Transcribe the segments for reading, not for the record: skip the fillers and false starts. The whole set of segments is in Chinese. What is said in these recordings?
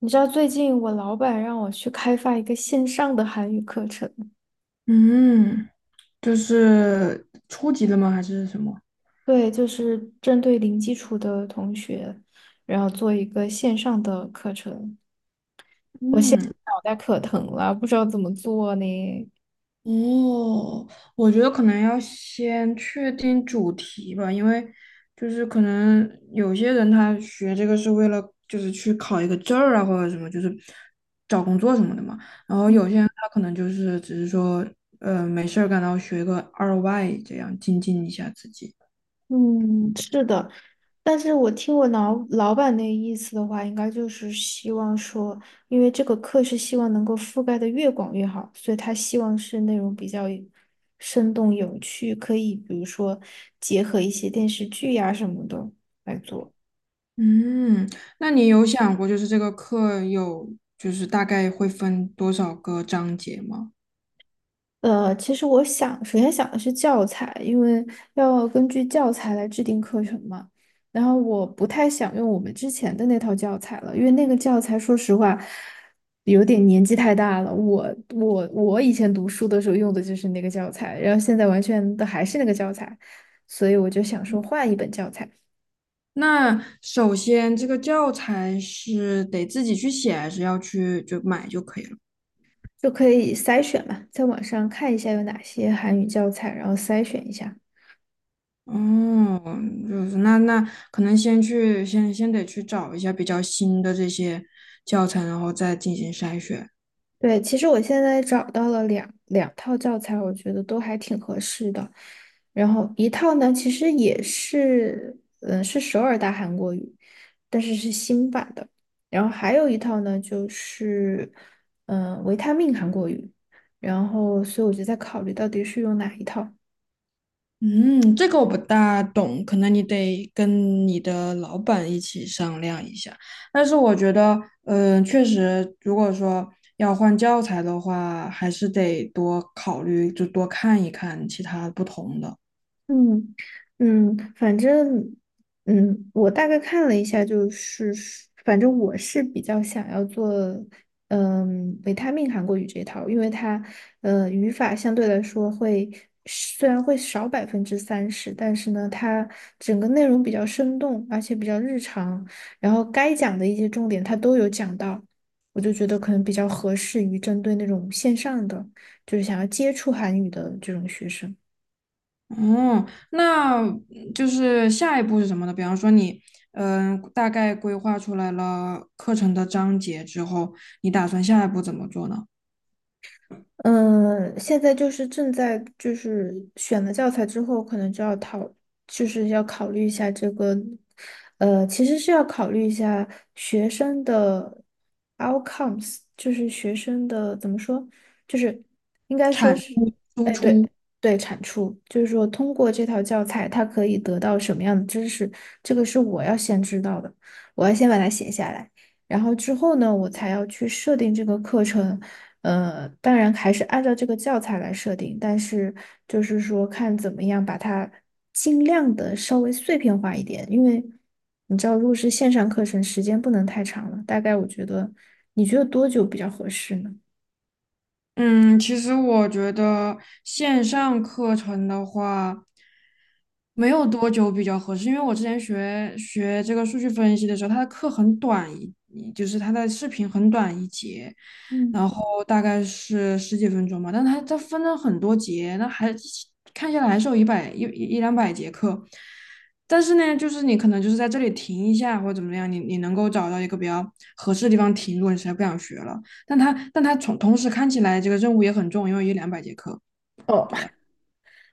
你知道最近我老板让我去开发一个线上的韩语课程，嗯，就是初级的吗？还是什么？对，就是针对零基础的同学，然后做一个线上的课程。我现嗯，在脑袋可疼了，不知道怎么做呢。哦，我觉得可能要先确定主题吧，因为就是可能有些人他学这个是为了就是去考一个证儿啊，或者什么，就是找工作什么的嘛。然后有嗯，些人他可能就是只是说，没事儿干，然后学个二外，这样精进一下自己。嗯，是的，但是我听我老板那意思的话，应该就是希望说，因为这个课是希望能够覆盖的越广越好，所以他希望是内容比较生动有趣，可以比如说结合一些电视剧呀、什么的来做。嗯，那你有想过，就是这个课有，就是大概会分多少个章节吗？其实我想，首先想的是教材，因为要根据教材来制定课程嘛。然后我不太想用我们之前的那套教材了，因为那个教材说实话有点年纪太大了。我以前读书的时候用的就是那个教材，然后现在完全的还是那个教材，所以我就想说换一本教材，那首先，这个教材是得自己去写，还是要去就买就可以了？就可以筛选嘛，在网上看一下有哪些韩语教材，然后筛选一下。哦，就是那可能先得去找一下比较新的这些教材，然后再进行筛选。对，其实我现在找到了两套教材，我觉得都还挺合适的。然后一套呢，其实也是，嗯，是首尔大韩国语，但是是新版的。然后还有一套呢，就是，嗯、维他命韩国语。然后，所以我就在考虑到底是用哪一套。嗯，这个我不大懂，可能你得跟你的老板一起商量一下。但是我觉得，确实，如果说要换教材的话，还是得多考虑，就多看一看其他不同的。嗯反正我大概看了一下，就是反正我是比较想要做维他命韩国语这一套，因为它语法相对来说会虽然会少30%，但是呢，它整个内容比较生动，而且比较日常，然后该讲的一些重点它都有讲到，我就觉得可能比较合适于针对那种线上的，就是想要接触韩语的这种学生。嗯，那就是下一步是什么呢？比方说你，大概规划出来了课程的章节之后，你打算下一步怎么做呢？嗯，现在就是正在就是选了教材之后，可能就要讨，就是要考虑一下这个，其实是要考虑一下学生的 outcomes,就是学生的怎么说，就是应该说产是，输哎，对，出。对，产出，就是说通过这套教材，他可以得到什么样的知识，这个是我要先知道的，我要先把它写下来。然后之后呢，我才要去设定这个课程。当然还是按照这个教材来设定，但是就是说看怎么样把它尽量的稍微碎片化一点，因为你知道，如果是线上课程，时间不能太长了。大概我觉得，你觉得多久比较合适呢？嗯，其实我觉得线上课程的话，没有多久比较合适，因为我之前学这个数据分析的时候，他的课很短就是他的视频很短一节，嗯。然后大概是十几分钟吧，但他分了很多节，那还看下来还是有一百一一一两百节课，但是呢，就是你可能就是在这里停一下或者怎么样，你能够找到一个比较合适的地方停，如果你实在不想学了。但他从同时看起来这个任务也很重，因为有两百节课，哦。对吧？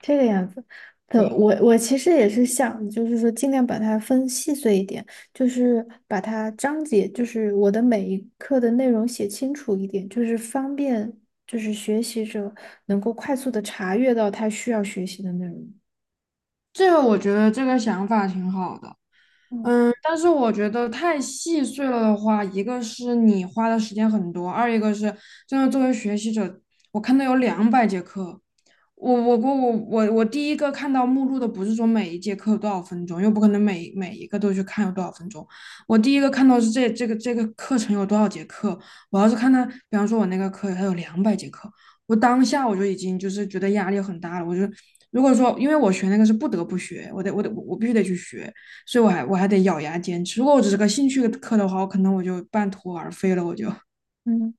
这个样子的，我对，我其实也是想，就是说尽量把它分细碎一点，就是把它章节，就是我的每一课的内容写清楚一点，就是方便，就是学习者能够快速的查阅到他需要学习的内容。这个我觉得这个想法挺好的。嗯。嗯，但是我觉得太细碎了的话，一个是你花的时间很多，二一个是真的作为学习者，我看到有两百节课，我第一个看到目录的不是说每一节课有多少分钟，又不可能每一个都去看有多少分钟。我第一个看到是这个课程有多少节课。我要是看他，比方说我那个课它有两百节课，我当下我就已经就是觉得压力很大了。我就如果说因为我学那个是不得不学，我必须得去学，所以我还得咬牙坚持。如果我只是个兴趣课的话，我可能我就半途而废了，我就。嗯。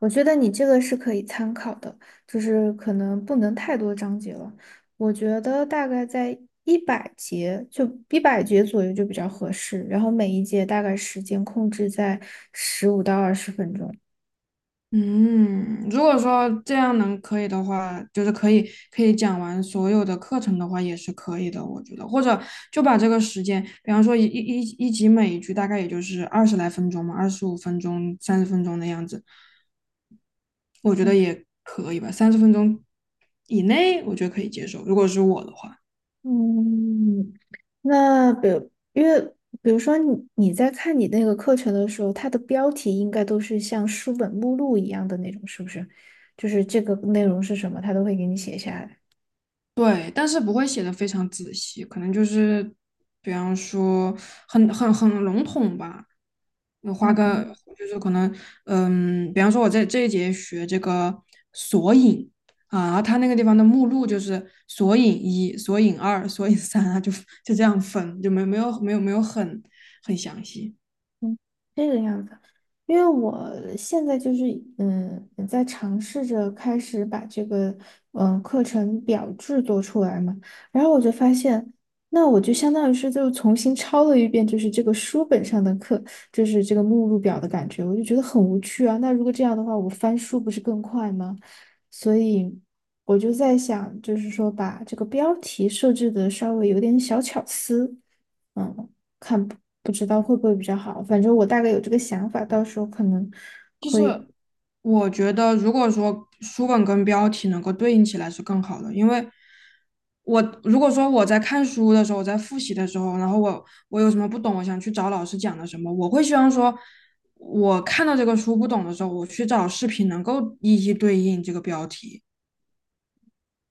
我觉得你这个是可以参考的，就是可能不能太多章节了。我觉得大概在一百节，就一百节左右就比较合适。然后每一节大概时间控制在15到20分钟。嗯，如果说这样能可以的话，就是可以讲完所有的课程的话，也是可以的，我觉得。或者就把这个时间，比方说一集每一句大概也就是20来分钟嘛，25分钟、三十分钟的样子，我觉得嗯也可以吧。三十分钟以内，我觉得可以接受。如果是我的话。嗯，那比如，因为比如说你在看你那个课程的时候，它的标题应该都是像书本目录一样的那种，是不是？就是这个内容是什么，它都会给你写下来。对，但是不会写的非常仔细，可能就是比方说很笼统吧。你花个嗯就是可能，比方说我在这一节学这个索引啊，然后它那个地方的目录就是索引一、索引二、索引三啊，就这样分，就没有很详细。嗯，这个样子，因为我现在就是在尝试着开始把这个课程表制作出来嘛，然后我就发现，那我就相当于是就重新抄了一遍，就是这个书本上的课，就是这个目录表的感觉，我就觉得很无趣啊。那如果这样的话，我翻书不是更快吗？所以我就在想，就是说把这个标题设置的稍微有点小巧思，嗯。看不知道嗯，会不会比较好。反正我大概有这个想法，到时候可能就是我觉得，如果说书本跟标题能够对应起来是更好的，因为我如果说我在看书的时候，我在复习的时候，然后我有什么不懂，我想去找老师讲的什么，我会希望说，我看到这个书不懂的时候，我去找视频能够一一对应这个标题。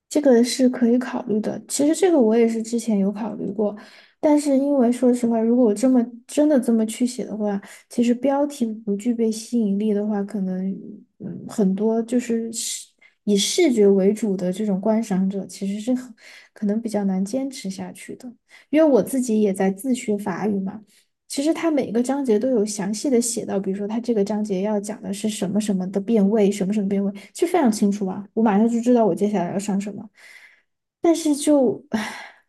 这个是可以考虑的。其实这个我也是之前有考虑过，但是因为说实话，如果我这么真的这么去写的话，其实标题不具备吸引力的话，可能很多就是以视觉为主的这种观赏者，其实是很可能比较难坚持下去的。因为我自己也在自学法语嘛。其实它每个章节都有详细的写到，比如说它这个章节要讲的是什么什么的变位，什么什么变位，就非常清楚啊，我马上就知道我接下来要上什么。但是就，唉，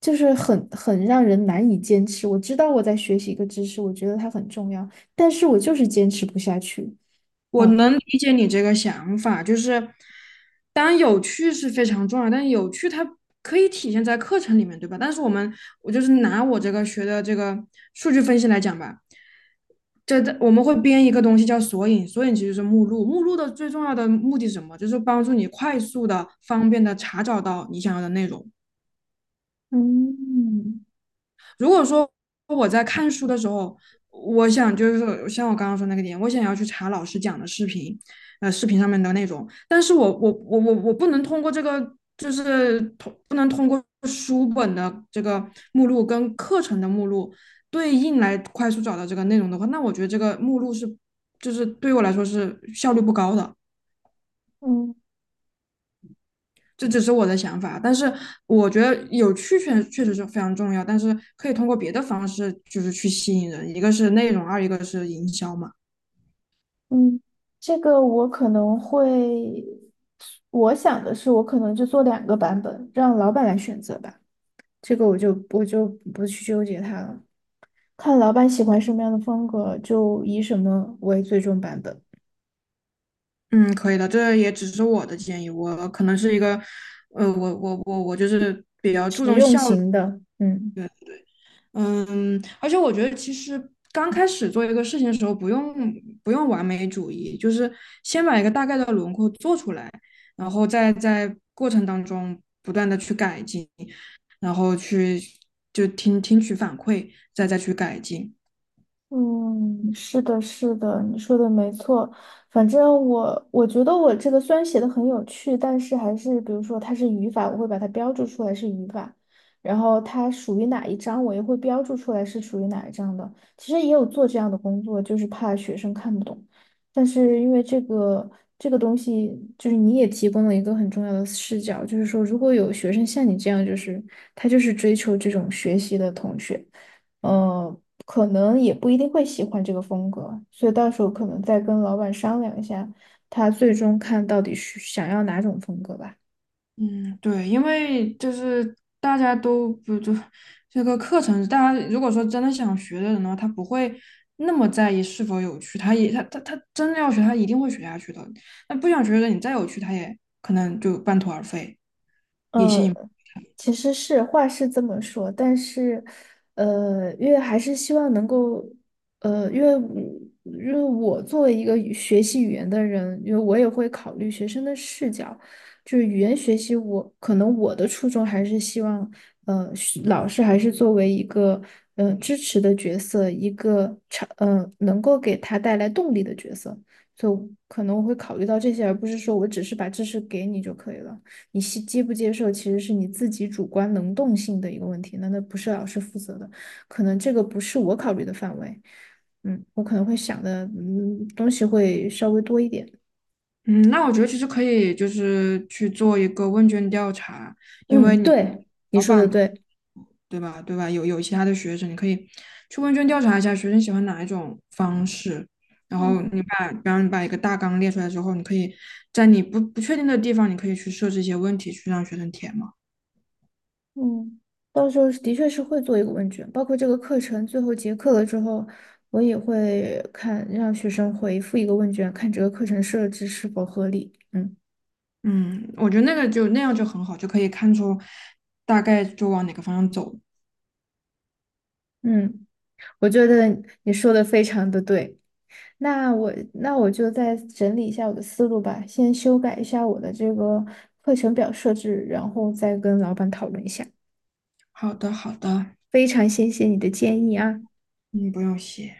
就是很让人难以坚持。我知道我在学习一个知识，我觉得它很重要，但是我就是坚持不下去。我嗯能理解你这个想法，就是当然有趣是非常重要，但是有趣它可以体现在课程里面，对吧？但是我们，我就是拿我这个学的这个数据分析来讲吧，这我们会编一个东西叫索引，索引其实是目录，目录的最重要的目的是什么？就是帮助你快速的、方便的查找到你想要的内容。嗯如果说我在看书的时候，我想就是像我刚刚说那个点，我想要去查老师讲的视频，视频上面的内容，但是我不能通过这个，就是不能通过书本的这个目录跟课程的目录对应来快速找到这个内容的话，那我觉得这个目录是就是对我来说是效率不高的。嗯这只是我的想法，但是我觉得有趣确实是非常重要，但是可以通过别的方式就是去吸引人，一个是内容，二一个是营销嘛。嗯，这个我可能会，我想的是，我可能就做两个版本，让老板来选择吧。这个我就不去纠结它了，看老板喜欢什么样的风格，就以什么为最终版本，嗯，可以的，这也只是我的建议，我可能是一个，我就是比较注实重用效率。型的，嗯。嗯，而且我觉得其实刚开始做一个事情的时候，不用完美主义，就是先把一个大概的轮廓做出来，然后再在过程当中不断的去改进，然后去听取反馈，再去改进。嗯，是的，是的，你说的没错。反正我我觉得我这个虽然写的很有趣，但是还是比如说它是语法，我会把它标注出来是语法，然后它属于哪一章，我也会标注出来是属于哪一章的。其实也有做这样的工作，就是怕学生看不懂。但是因为这个东西，就是你也提供了一个很重要的视角，就是说如果有学生像你这样，就是他就是追求这种学习的同学。呃，可能也不一定会喜欢这个风格，所以到时候可能再跟老板商量一下，他最终看到底是想要哪种风格吧。嗯，对，因为就是大家都不就这个课程，大家如果说真的想学的人的话，他不会那么在意是否有趣，他也他真的要学，他一定会学下去的。那不想学的人，你再有趣，他也可能就半途而废。也嗯，其实是话是这么说，但是，因为还是希望能够，因为我因为我作为一个学习语言的人，因为我也会考虑学生的视角，就是语言学习我，可能我的初衷还是希望，是老师还是作为一个，支持的角色，一个成，呃，能够给他带来动力的角色，所以可能我会考虑到这些，而不是说我只是把知识给你就可以了。你接不接受，其实是你自己主观能动性的一个问题，那不是老师负责的，可能这个不是我考虑的范围。嗯，我可能会想的，东西会稍微多一点。嗯，那我觉得其实可以，就是去做一个问卷调查，因嗯，为你对，你老说的板对。对吧？对吧？有其他的学生，你可以去问卷调查一下学生喜欢哪一种方式，然后嗯你把，比方你把一个大纲列出来之后，你可以在你不确定的地方，你可以去设置一些问题去让学生填嘛。嗯，到时候是的确是会做一个问卷，包括这个课程最后结课了之后，我也会看让学生回复一个问卷，看这个课程设置是否合理。嗯嗯，我觉得那个就那样就很好，就可以看出大概就往哪个方向走。嗯，我觉得你说的非常的对。那我就再整理一下我的思路吧，先修改一下我的这个课程表设置，然后再跟老板讨论一下。好的，好的，非常谢谢你的建议啊。嗯，不用谢。